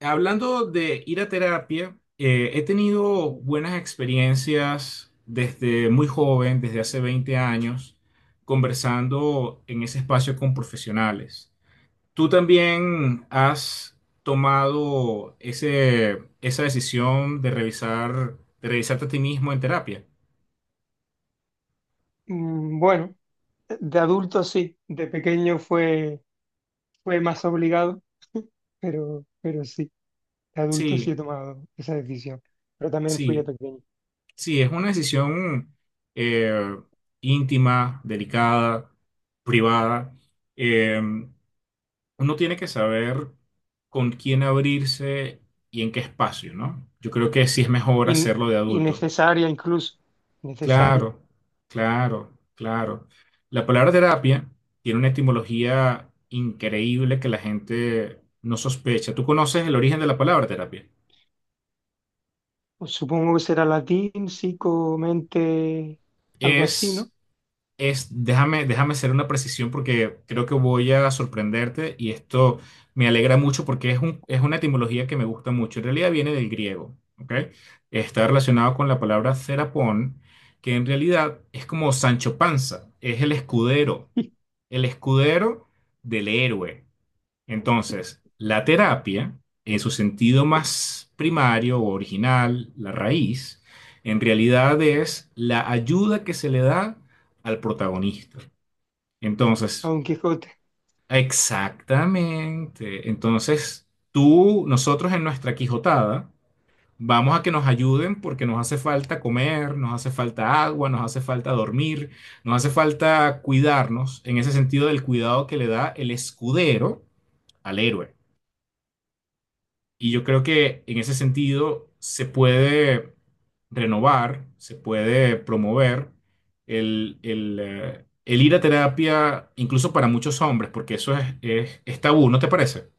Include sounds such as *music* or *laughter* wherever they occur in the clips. Hablando de ir a terapia, he tenido buenas experiencias desde muy joven, desde hace 20 años, conversando en ese espacio con profesionales. ¿Tú también has tomado esa decisión de revisarte a ti mismo en terapia? Bueno, de adulto sí, de pequeño fue más obligado, *laughs* pero sí, de adulto sí Sí, he tomado esa decisión, pero también fui de sí, pequeño. sí, es una decisión eh, íntima, delicada, privada. Em, Uno tiene que saber con quién abrirse y en qué espacio, ¿no? Yo creo que sí es mejor In- hacerlo de adulto. Innecesaria incluso, necesaria. Claro, claro, claro. La palabra terapia tiene una etimología increíble que la gente no sospecha. ¿Tú conoces el origen de la palabra terapia? Pues supongo que será latín, psico, mente, algo así, ¿no? Es déjame hacer una precisión porque creo que voy a sorprenderte y esto me alegra mucho porque es una etimología que me gusta mucho. En realidad viene del griego, ¿ok? Está relacionado con la palabra cerapón, que en realidad es como Sancho Panza, es *laughs* el escudero del héroe. Entonces, la terapia, en su sentido más primario o original, la raíz, en realidad es la ayuda que se le da al protagonista. A Entonces, Don Quijote. exactamente. Entonces, nosotros en nuestra Quijotada, vamos a que nos ayuden porque nos hace falta comer, nos hace falta agua, nos hace falta dormir, nos hace falta cuidarnos, en ese sentido del cuidado que le da el escudero al héroe. Y yo creo que en ese sentido se puede renovar, se puede promover el ir a terapia, incluso para muchos hombres, porque eso es tabú, ¿no te parece?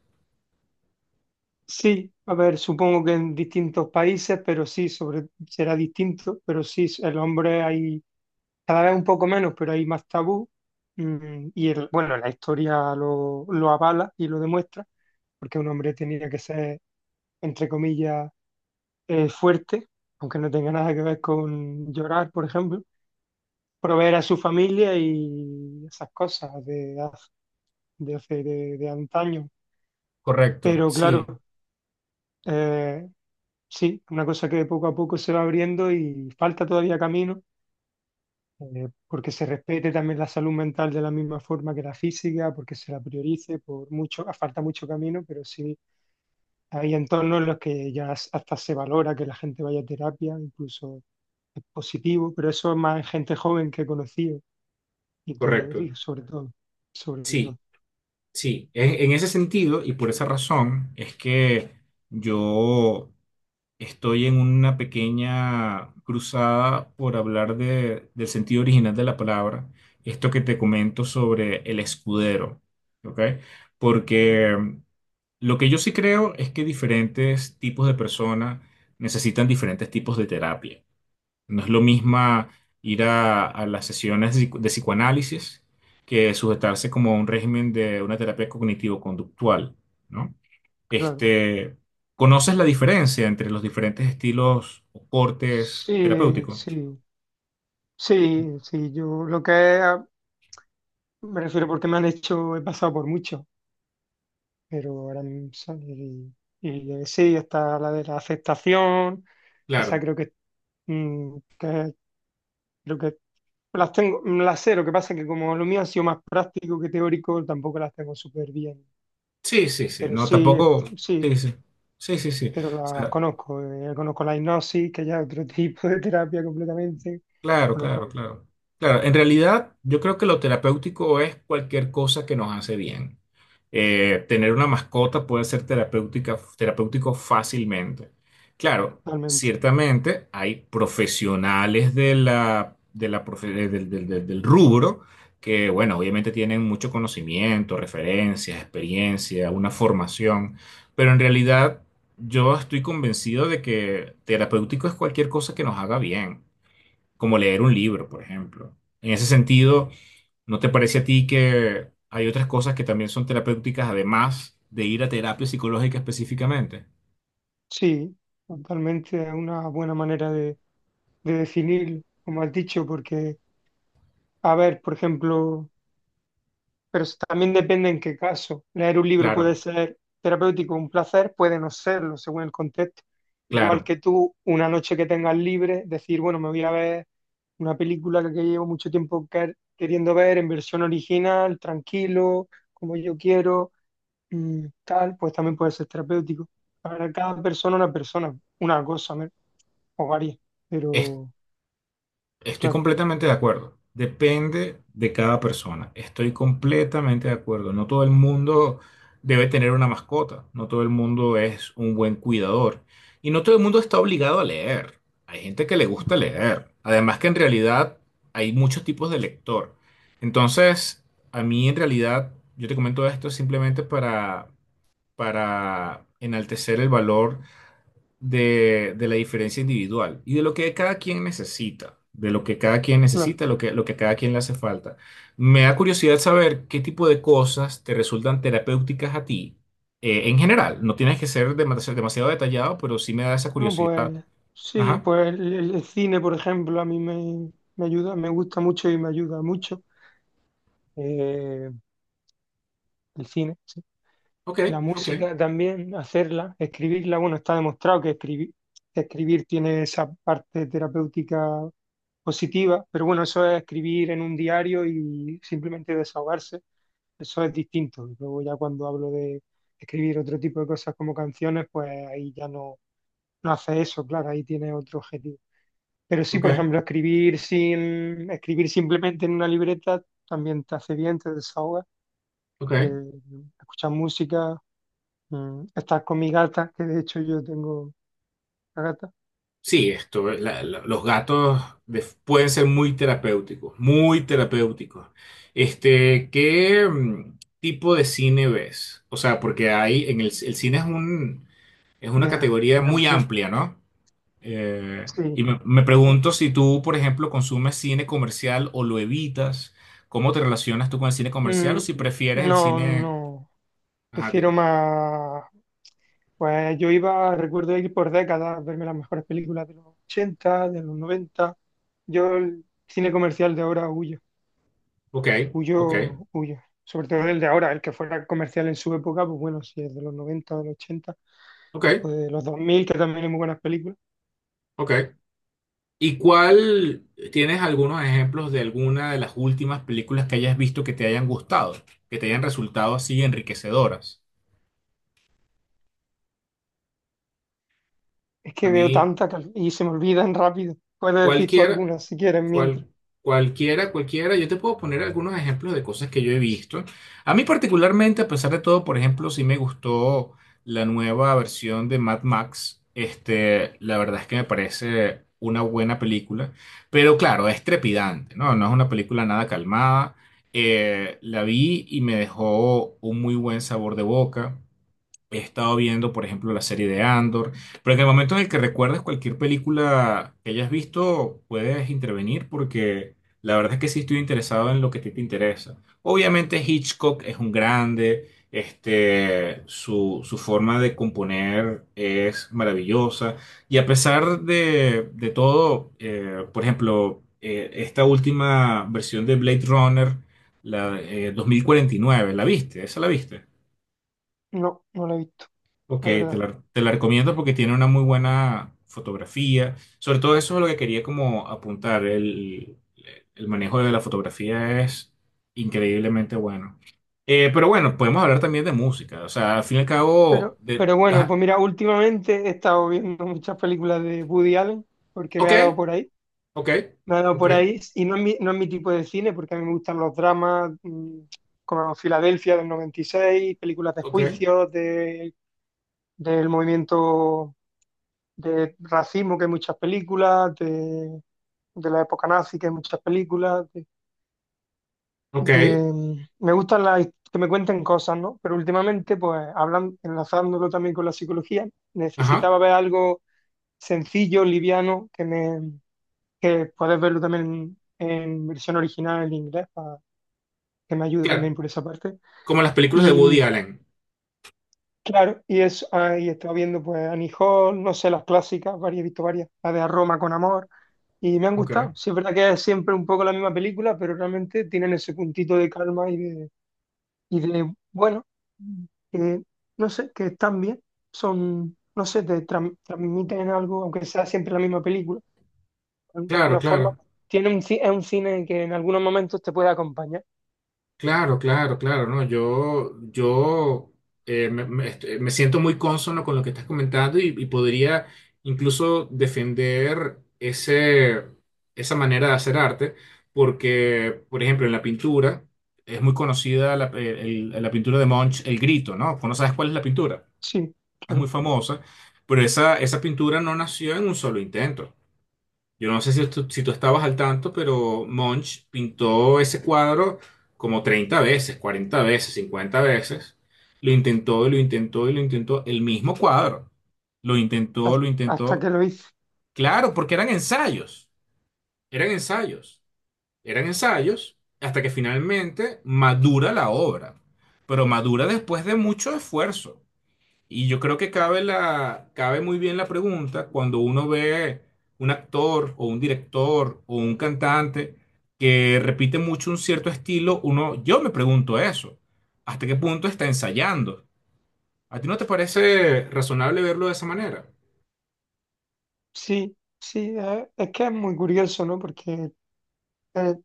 Sí, a ver, supongo que en distintos países, pero sí, sobre, será distinto, pero sí, el hombre hay cada vez un poco menos, pero hay más tabú. Bueno, la historia lo avala y lo demuestra, porque un hombre tenía que ser, entre comillas, fuerte, aunque no tenga nada que ver con llorar, por ejemplo, proveer a su familia y esas cosas de hace de antaño. Correcto, Pero sí, claro, eh, sí, una cosa que poco a poco se va abriendo y falta todavía camino porque se respete también la salud mental de la misma forma que la física, porque se la priorice, por mucho, falta mucho camino, pero sí hay entornos en los que ya hasta se valora que la gente vaya a terapia, incluso es positivo, pero eso es más en gente joven que he conocido y todo, correcto. y sobre todo, Sí, sí. En ese sentido y por esa razón es que yo estoy en una pequeña cruzada por hablar del sentido original de la palabra, esto que te comento sobre el escudero, ¿ok? Porque lo que yo sí creo es que diferentes tipos de personas necesitan diferentes tipos de terapia. No es lo mismo ir a las sesiones de psicoanálisis que sujetarse como a un régimen de una terapia cognitivo-conductual, ¿no? claro. Este, ¿conoces la diferencia entre los diferentes estilos o cortes Sí, terapéuticos? sí, sí, sí, yo lo que es, me refiero porque me han hecho, he pasado por mucho. Pero ahora mismo, y, sí, está la de la aceptación, esa Claro. creo que, creo que las tengo, las sé, lo que pasa es que como lo mío ha sido más práctico que teórico, tampoco las tengo súper bien, Sí, sí, sí. pero No, sí, tampoco. este, sí, Sí, sí. Sí, sí, sí. pero O las sea, conozco, conozco la hipnosis, que ya es otro *laughs* tipo de terapia completamente, claro, claro, conozco claro. Claro, en realidad yo creo que lo terapéutico es cualquier cosa que nos hace bien. Tener una mascota puede ser terapéutica, terapéutico fácilmente. Claro, totalmente, ciertamente hay profesionales de la del rubro que, bueno, obviamente tienen mucho conocimiento, referencias, experiencia, una formación, pero en realidad yo estoy convencido de que terapéutico es cualquier cosa que nos haga bien como leer un libro, por ejemplo. En ese sentido, ¿no te parece a ti que hay otras cosas que también son terapéuticas además de ir a terapia psicológica específicamente? sí, totalmente es una buena manera de definir, como has dicho, porque, a ver, por ejemplo, pero eso también depende en qué caso. Leer un libro puede Claro, ser terapéutico, un placer, puede no serlo, según el contexto. Igual claro. que tú, una noche que tengas libre, decir, bueno, me voy a ver una película que llevo mucho tiempo queriendo ver en versión original, tranquilo, como yo quiero, tal, pues también puede ser terapéutico. Para cada persona, una cosa, ¿no? O varias. Es- Pero, Estoy claro, completamente de acuerdo. Depende de cada persona. Estoy completamente de acuerdo. No todo el mundo debe tener una mascota. No todo el mundo es un buen cuidador. Y no todo el mundo está obligado a leer. Hay gente que le gusta leer. Además que en realidad hay muchos tipos de lector. Entonces, a mí en realidad, yo te comento esto simplemente para enaltecer el valor de la diferencia individual y de lo que cada quien necesita, de lo que cada quien claro. necesita, lo que a cada quien le hace falta. Me da curiosidad saber qué tipo de cosas te resultan terapéuticas a ti, en general. No tienes que ser demasiado, demasiado detallado, pero sí me da esa No, curiosidad. pues sí, Ajá. pues el cine, por ejemplo, a mí me ayuda, me gusta mucho y me ayuda mucho. eh, el cine, sí. Ok, La ok, música también, hacerla, escribirla, bueno, está demostrado que escribir tiene esa parte terapéutica positiva, pero bueno, eso es escribir en un diario y simplemente desahogarse, eso es distinto. Y luego ya cuando hablo de escribir otro tipo de cosas como canciones, pues ahí ya no, no hace eso, claro, ahí tiene otro objetivo. Pero sí, por ok, ejemplo, escribir sin, escribir simplemente en una libreta también te hace bien, te desahoga. ok. Eh, escuchar música, estar con mi gata, que de hecho yo tengo una gata, Sí, esto, los gatos pueden ser muy terapéuticos, muy terapéuticos. Este, ¿qué tipo de cine ves? O sea, porque hay en el cine es una ya, categoría mi muy amplio. amplia, ¿no? Y Sí. me pregunto si tú, por ejemplo, consumes cine comercial o lo evitas, ¿cómo te relacionas tú con el cine comercial o Mm, si prefieres el no, cine? no. Ajá, Prefiero dime. más. Pues yo iba, recuerdo ir por décadas, a verme las mejores películas de los 80 de los noventa. Yo el cine comercial de ahora huyo. Ok, ok, Huyo, huyo. Sobre todo el de ahora, el que fuera comercial en su época, pues bueno, si es de los 90 de los 80 o ok, de los 2000, que también hay muy buenas películas. ok. ¿Y cuál, tienes algunos ejemplos de alguna de las últimas películas que hayas visto que te hayan gustado, que te hayan resultado así enriquecedoras? Es A que veo mí, tantas y se me olvidan rápido. Puedes decir tú cualquier algunas si quieres mientras. Cual- cualquiera, cualquiera. Yo te puedo poner algunos ejemplos de cosas que yo he visto. A mí particularmente, a pesar de todo, por ejemplo, sí me gustó la nueva versión de Mad Max. Este, la verdad es que me parece una buena película, pero claro, es trepidante, ¿no? No es una película nada calmada. La vi y me dejó un muy buen sabor de boca. He estado viendo, por ejemplo, la serie de Andor, pero en el momento en el que recuerdes cualquier película que hayas visto, puedes intervenir porque la verdad es que sí estoy interesado en lo que a ti te interesa. Obviamente Hitchcock es un grande, este, su forma de componer es maravillosa y a pesar de todo, por ejemplo, esta última versión de Blade Runner, la 2049, ¿la viste? ¿Esa la viste? No, no la he visto, Ok, la te verdad. la, te la recomiendo porque tiene una muy buena fotografía. Sobre todo eso es lo que quería como apuntar. El manejo de la fotografía es increíblemente bueno. Pero bueno, podemos hablar también de música. O sea, al fin y al cabo, Pero, pero bueno, ajá, pues mira, últimamente he estado viendo muchas películas de Woody Allen porque me ok, ha dado por ahí. ok, Me ha dado ok, por ahí y no es mi tipo de cine porque a mí me gustan los dramas, como Filadelfia del noventa y seis, películas de ok, juicios, de del movimiento de racismo, que hay muchas películas, de la época nazi, que hay muchas películas, ok, me gustan las que me cuenten cosas, ¿no? Pero últimamente, pues, hablan, enlazándolo también con la psicología, ajá, necesitaba ver algo sencillo, liviano, que puedes verlo también en versión original en inglés, para que me ayude también claro. por esa parte. Como las películas de y Woody mm, Allen. Claro, y es, ahí estaba viendo pues Annie Hall, no sé, las clásicas, varias, he visto varias, la de A Roma con Amor, y me han Ok, gustado. Sí, es verdad que es siempre un poco la misma película, pero realmente tienen ese puntito de calma y de bueno, eh, no sé, que están bien, son, no sé, te transmiten algo, aunque sea siempre la misma película, de claro, alguna forma, claro. pues, tiene es un cine que en algunos momentos te puede acompañar. Claro, claro, claro, no, yo este, me siento muy cónsono con lo que estás comentando y, podría incluso defender esa manera de hacer arte, porque, por ejemplo, en la pintura es muy conocida la pintura de Munch, El Grito, ¿no? Pues no sabes cuál es la pintura, Sí, es muy claro, famosa, pero esa pintura no nació en un solo intento. Yo no sé si tú estabas al tanto, pero Munch pintó ese cuadro como 30 veces, 40 veces, 50 veces. Lo intentó, y lo intentó y lo intentó. El mismo cuadro. Lo intentó, ha- lo hasta que intentó. lo hice. Claro, porque eran ensayos. Eran ensayos. Eran ensayos hasta que finalmente madura la obra. Pero madura después de mucho esfuerzo. Y yo creo que cabe muy bien la pregunta cuando uno ve un actor o un director o un cantante que repite mucho un cierto estilo, yo me pregunto eso, ¿hasta qué punto está ensayando? ¿A ti no te parece razonable verlo de esa manera? Sí, sí, que es muy curioso, ¿no? Porque eh,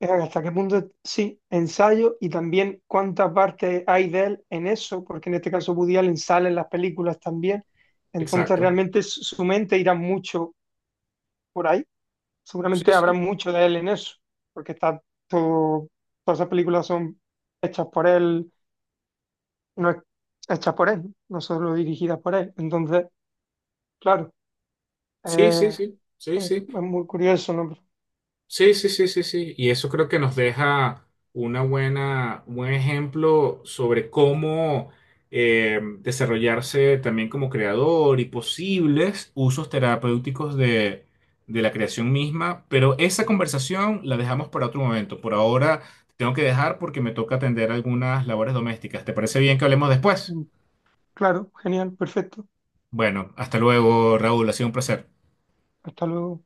hasta qué punto, sí, ensayo y también cuánta parte hay de él en eso, porque en este caso Woody Allen sale en las películas también, entonces Exacto. realmente su mente irá mucho por ahí, Sí, seguramente habrá sí, mucho de él en eso, porque está todo, todas esas películas son hechas por él, no es- hechas por él, no solo dirigidas por él, entonces, claro, sí, sí, eh, sí, sí, es sí. muy curioso, ¿no? Sí, sí, sí, sí, sí. Y eso creo que nos deja un buen ejemplo sobre cómo desarrollarse también como creador y posibles usos terapéuticos de la creación misma. Pero esa conversación la dejamos para otro momento. Por ahora tengo que dejar porque me toca atender algunas labores domésticas. ¿Te parece bien que hablemos después? Claro, genial, perfecto. Bueno, hasta luego, Raúl. Ha sido un placer. Hasta luego.